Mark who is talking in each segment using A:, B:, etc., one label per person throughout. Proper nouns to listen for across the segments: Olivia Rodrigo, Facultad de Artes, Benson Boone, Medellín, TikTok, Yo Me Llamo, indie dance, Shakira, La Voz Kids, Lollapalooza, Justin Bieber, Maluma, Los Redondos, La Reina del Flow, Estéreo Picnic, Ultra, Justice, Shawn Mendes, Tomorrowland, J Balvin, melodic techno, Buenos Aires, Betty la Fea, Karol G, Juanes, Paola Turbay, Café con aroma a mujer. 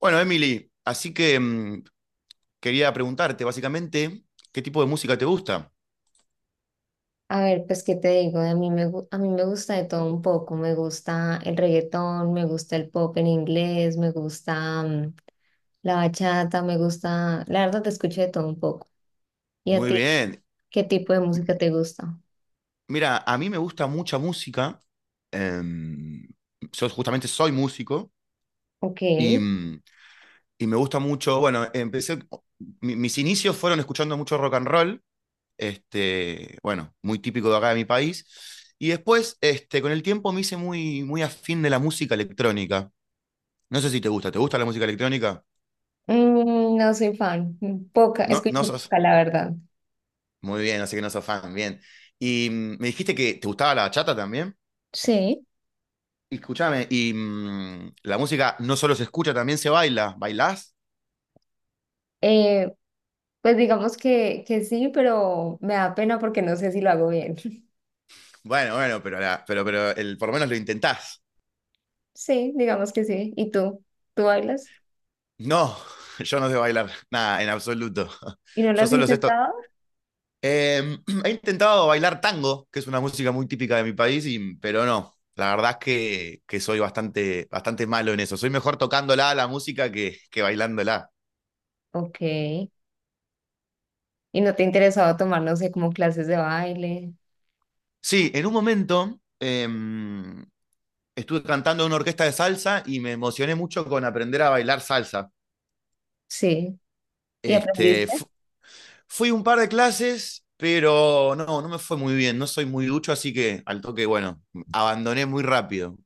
A: Bueno, Emily, así que quería preguntarte básicamente qué tipo de música te gusta.
B: A ver, pues qué te digo, a mí me, gu- a mí me gusta de todo un poco, me gusta el reggaetón, me gusta el pop en inglés, la bachata, me gusta, la verdad te escucho de todo un poco. ¿Y a
A: Muy
B: ti?
A: bien.
B: ¿Qué tipo de música te gusta?
A: Mira, a mí me gusta mucha música. em, yo justamente soy músico
B: Ok.
A: y y me gusta mucho. Bueno, mis inicios fueron escuchando mucho rock and roll. Este, bueno, muy típico de acá de mi país. Y después, este, con el tiempo me hice muy, muy afín de la música electrónica. No sé si te gusta. ¿Te gusta la música electrónica?
B: No soy fan, poca,
A: No,
B: escucho
A: no sos.
B: poca, la verdad.
A: Muy bien, así que no sos fan, bien. Y me dijiste que te gustaba la bachata también.
B: Sí.
A: Y escúchame, y la música no solo se escucha, también se baila. ¿Bailás?
B: Eh, pues digamos que sí, pero me da pena porque no sé si lo hago bien.
A: Bueno, bueno, pero, pero, por lo menos lo intentás.
B: Sí, digamos que sí. ¿Y tú? ¿Tú bailas?
A: No, yo no sé bailar, nada, en absoluto.
B: ¿Y no lo
A: Yo
B: has
A: solo sé esto.
B: intentado?
A: Eh, he intentado bailar tango, que es una música muy típica de mi país, pero no. La verdad es que soy bastante, bastante malo en eso. Soy mejor tocándola la música que bailándola.
B: Ok. ¿Y no te interesaba tomar, no sé, como clases de baile?
A: Sí, en un momento estuve cantando en una orquesta de salsa y me emocioné mucho con aprender a bailar salsa.
B: Sí. ¿Y
A: Este,
B: aprendiste?
A: fui un par de clases, pero no, no me fue muy bien, no soy muy ducho, así que al toque, bueno, abandoné muy rápido.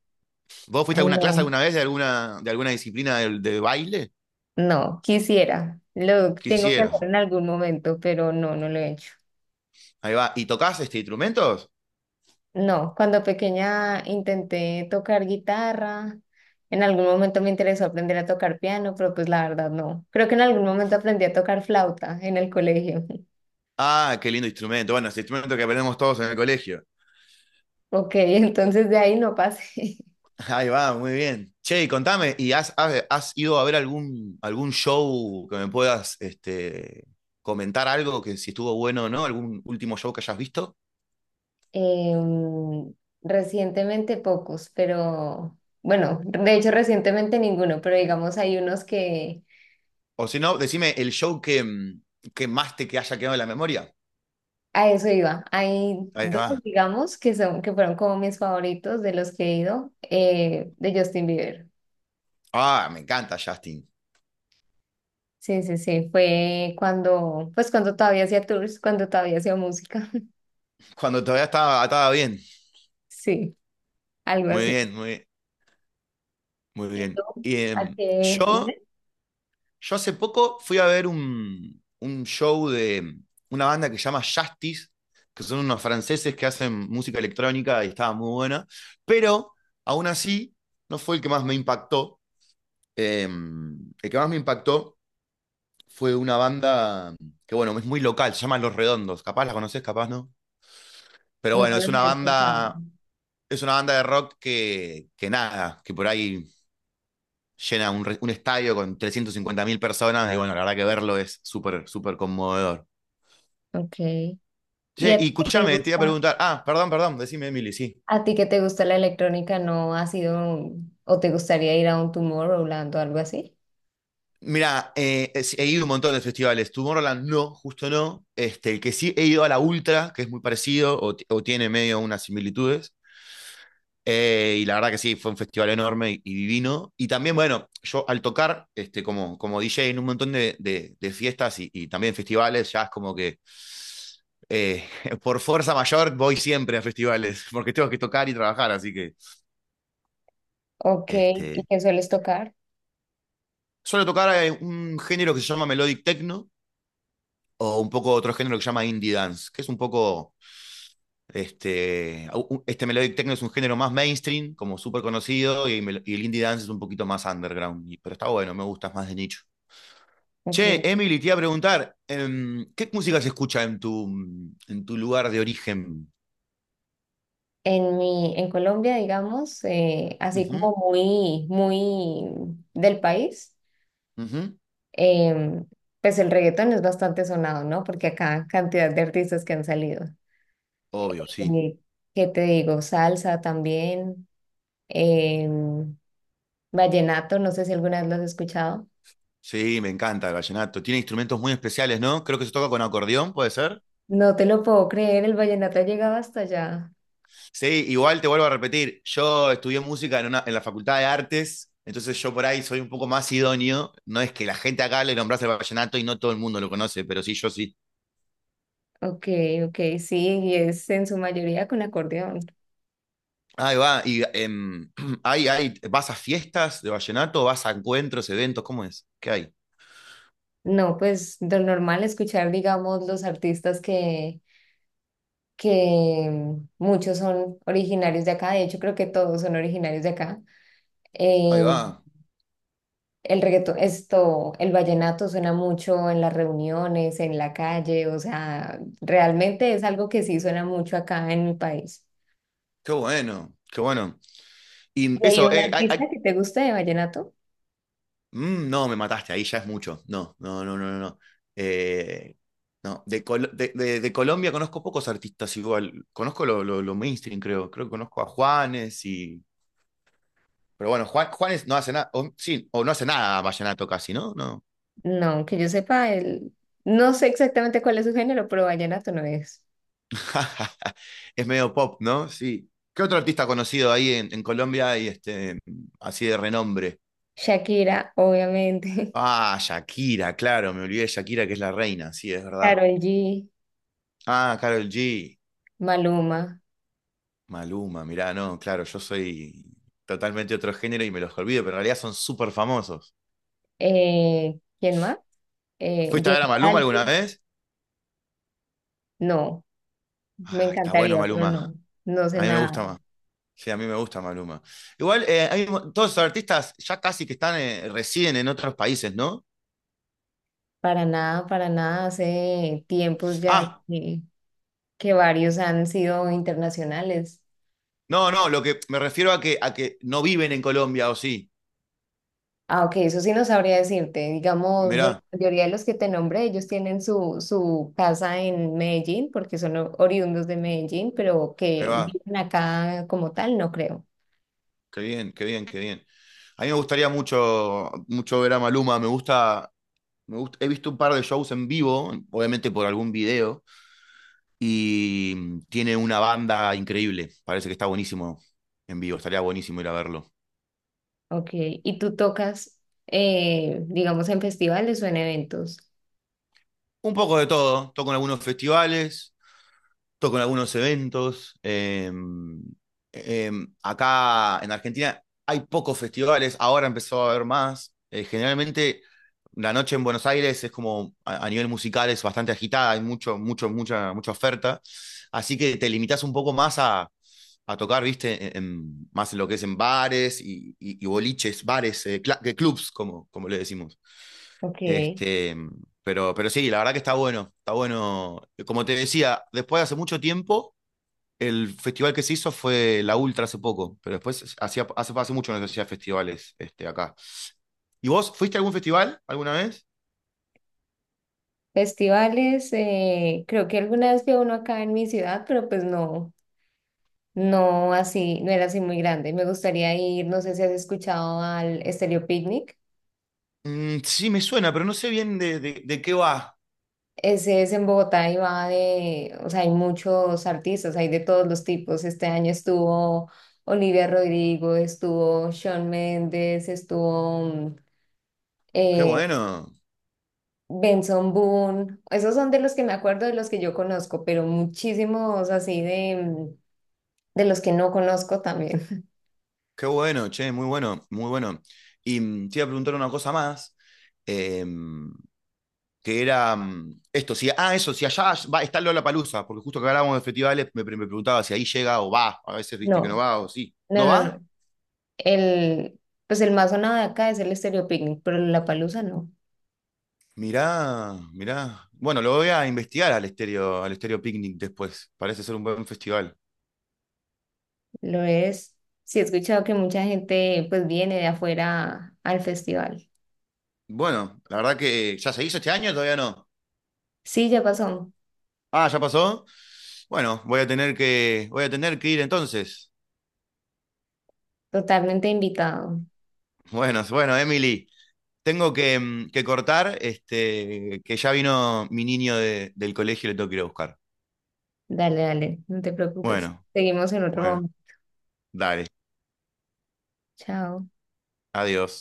A: ¿Vos fuiste
B: Ah,
A: a alguna clase
B: no,
A: alguna vez de alguna disciplina de baile?
B: no, quisiera. Lo tengo que
A: Quisieras.
B: hacer en algún momento, pero no, no lo he hecho.
A: Ahí va. ¿Y tocás este, instrumentos?
B: No, cuando pequeña intenté tocar guitarra. En algún momento me interesó aprender a tocar piano, pero pues la verdad no. Creo que en algún momento aprendí a tocar flauta en el colegio.
A: Ah, qué lindo instrumento. Bueno, ese instrumento que aprendemos todos en el colegio.
B: Ok, entonces de ahí no pasé.
A: Ahí va, muy bien. Che, y contame, ¿y has ido a ver algún, algún show que me puedas este, comentar algo que si estuvo bueno o no? ¿Algún último show que hayas visto?
B: Em, Recientemente pocos, pero bueno, de hecho recientemente ninguno, pero digamos hay unos que
A: O si no, decime el show que más te que haya quedado en la memoria.
B: a eso iba. Hay
A: Ahí
B: dos,
A: va.
B: digamos, que son, que fueron como mis favoritos de los que he ido, de Justin Bieber.
A: Ah, me encanta Justin.
B: Sí, sí, sí, fue cuando, pues cuando todavía hacía tours, cuando todavía hacía música.
A: Cuando todavía estaba, estaba bien.
B: Sí, algo
A: Muy
B: así.
A: bien, muy, muy
B: ¿Y
A: bien.
B: tú?
A: Y
B: ¿A qué?
A: yo. Yo hace poco fui a ver un show de una banda que se llama Justice, que son unos franceses que hacen música electrónica y estaba muy buena, pero aún así no fue el que más me impactó. Eh, el que más me impactó fue una banda que, bueno, es muy local, se llama Los Redondos. Capaz la conoces, capaz no. Pero
B: Nunca
A: bueno,
B: los he escuchado.
A: es una banda de rock que nada, que por ahí llena un estadio con 350.000 personas y bueno, la verdad que verlo es súper, súper conmovedor.
B: Ok. ¿Y
A: Che,
B: a
A: y
B: ti qué te
A: escúchame, te iba a
B: gusta?
A: preguntar. Ah, perdón, perdón, decime, Emily, sí.
B: ¿A ti que te gusta la electrónica no has ido un- o te gustaría ir a un Tomorrowland o algo así?
A: Mira, he ido a un montón de festivales. Tomorrowland no, justo no. Este, el que sí he ido a la Ultra, que es muy parecido o tiene medio unas similitudes. Y la verdad que sí, fue un festival enorme y divino. Y también, bueno, yo al tocar este, como, como DJ en un montón de de fiestas y también festivales, ya es como que eh, por fuerza mayor voy siempre a festivales, porque tengo que tocar y trabajar, así que
B: Ok, ¿y
A: este,
B: qué sueles tocar?
A: suelo tocar un género que se llama melodic techno o un poco otro género que se llama indie dance, que es un poco este melodic techno es un género más mainstream, como súper conocido y el indie dance es un poquito más underground, pero está bueno, me gusta, es más de nicho.
B: Ok.
A: Che, Emily, te iba a preguntar, ¿qué música se escucha en tu lugar de origen?
B: En mi, en Colombia, digamos, así
A: Ujú,
B: como muy, muy del país,
A: ujú.
B: em, pues el reggaetón es bastante sonado, ¿no? Porque acá cantidad de artistas que han salido.
A: Obvio, sí.
B: Eh, ¿Qué te digo? Salsa también, em, vallenato, no sé si alguna vez lo has escuchado.
A: Sí, me encanta el vallenato. Tiene instrumentos muy especiales, ¿no? Creo que se toca con acordeón, ¿puede ser?
B: No te lo puedo creer, el vallenato ha llegado hasta allá.
A: Sí, igual te vuelvo a repetir, yo estudié música en, en la Facultad de Artes, entonces yo por ahí soy un poco más idóneo. No es que la gente acá le nombrase el vallenato y no todo el mundo lo conoce, pero sí, yo sí.
B: Ok, ok, sí, y es en su mayoría con acordeón.
A: Ahí va, y hay, ¿vas a fiestas de vallenato? ¿Vas a encuentros, eventos? ¿Cómo es? ¿Qué hay?
B: No, pues lo normal escuchar, digamos, los artistas muchos son originarios de acá, de hecho creo que todos son originarios de acá.
A: Ahí
B: Eh,
A: va,
B: el reggaetón, esto, el vallenato suena mucho en las reuniones, en la calle, o sea, realmente es algo que sí suena mucho acá en mi país.
A: qué bueno, qué bueno. Y
B: ¿Y hay
A: eso,
B: un
A: hay, hay.
B: artista que te guste de vallenato?
A: Mm, no, me mataste, ahí ya es mucho. No, no, no, no, no, no. Eh, no, de, de Colombia conozco pocos artistas igual. Conozco lo mainstream, creo. Creo que conozco a Juanes y. Pero bueno, Juanes no hace nada. Sí, o no hace nada vallenato casi, ¿no? No.
B: No, que yo sepa, el... no sé exactamente cuál es su género, pero vallenato no es.
A: Es medio pop, ¿no? Sí. ¿Qué otro artista conocido ahí en Colombia y este, así de renombre?
B: Shakira, obviamente.
A: Ah, Shakira, claro, me olvidé de Shakira, que es la reina, sí, es verdad.
B: Karol G,
A: Ah, Karol G.
B: Maluma.
A: Maluma, mirá, no, claro, yo soy totalmente otro género y me los olvido, pero en realidad son súper famosos.
B: ¿Quién más?
A: ¿Fuiste a
B: J
A: ver a Maluma alguna
B: Balvin.
A: vez?
B: No, me
A: Ah, está bueno
B: encantaría, pero
A: Maluma.
B: no. No se
A: A mí
B: me
A: me
B: ha
A: gusta más.
B: dado.
A: Sí, a mí me gusta Maluma. Igual, todos los artistas ya casi que están, residen en otros países, ¿no?
B: Para nada, para nada. Hace tiempos ya
A: Ah,
B: que varios han sido internacionales.
A: no, no, lo que me refiero a que no viven en Colombia, o sí.
B: Ah, ok, eso sí no sabría decirte. Digamos, de
A: Mirá,
B: la mayoría de los que te nombré, ellos tienen su, su casa en Medellín, porque son o- oriundos de Medellín, pero
A: ahí
B: que
A: va.
B: viven acá como tal, no creo.
A: Qué bien, qué bien, qué bien. A mí me gustaría mucho, mucho ver a Maluma. Me gusta. Me gusta, he visto un par de shows en vivo, obviamente por algún video, y tiene una banda increíble. Parece que está buenísimo en vivo, estaría buenísimo ir a verlo.
B: Ok, ¿y tú tocas, digamos, en festivales o en eventos?
A: Un poco de todo, toco en algunos festivales, toco en algunos eventos. Eh, acá en Argentina hay pocos festivales, ahora empezó a haber más. Generalmente la noche en Buenos Aires es como a nivel musical es bastante agitada, hay mucho, mucho, mucha, mucha oferta. Así que te limitas un poco más a tocar, viste, más en lo que es en bares y, y boliches, bares, que clubs, como, como le decimos.
B: Ok,
A: Este, pero sí, la verdad que está bueno, está bueno. Como te decía, después de hace mucho tiempo el festival que se hizo fue la Ultra hace poco, pero después hacía, hace, hace mucho no se hacía festivales este, acá. ¿Y vos fuiste a algún festival alguna vez?
B: festivales, creo que alguna vez fui a uno acá en mi ciudad, pero pues no, no así, no era así muy grande. Me gustaría ir, no sé si has escuchado al Estéreo Picnic.
A: Mm, sí, me suena, pero no sé bien de, de qué va.
B: Ese es en Bogotá y va de, o sea, hay muchos artistas, hay de todos los tipos. Este año estuvo Olivia Rodrigo, estuvo Shawn Mendes, estuvo
A: Qué
B: eh,
A: bueno,
B: Benson Boone, esos son de los que me acuerdo, de los que yo conozco, pero muchísimos así de de los que no conozco también.
A: qué bueno, che, muy bueno, muy bueno. Y te iba a preguntar una cosa más, em, que era esto, si, ah, eso, si allá va, está Lollapalooza, porque justo que hablábamos de festivales, me preguntaba si ahí llega o va, a veces viste que no
B: No,
A: va o sí.
B: no,
A: ¿No
B: no, no.
A: va?
B: El, pues el más sonado de acá es el Stereo Picnic, pero la palusa no,
A: Mirá, mirá. Bueno, lo voy a investigar al Estéreo Picnic después. Parece ser un buen festival.
B: lo es. Sí he escuchado que mucha gente pues viene de afuera al festival.
A: Bueno, la verdad que ya se hizo este año, todavía no.
B: Sí, ya pasó,
A: Ah, ya pasó. Bueno, voy a tener que, voy a tener que ir entonces.
B: totalmente invitado.
A: Bueno, bueno, Emily, tengo que, que cortar, este, que ya vino mi niño del colegio y le tengo que ir a buscar.
B: Dale, dale, no te preocupes.
A: Bueno,
B: Seguimos en otro
A: bueno,
B: momento.
A: dale.
B: Chao.
A: Adiós.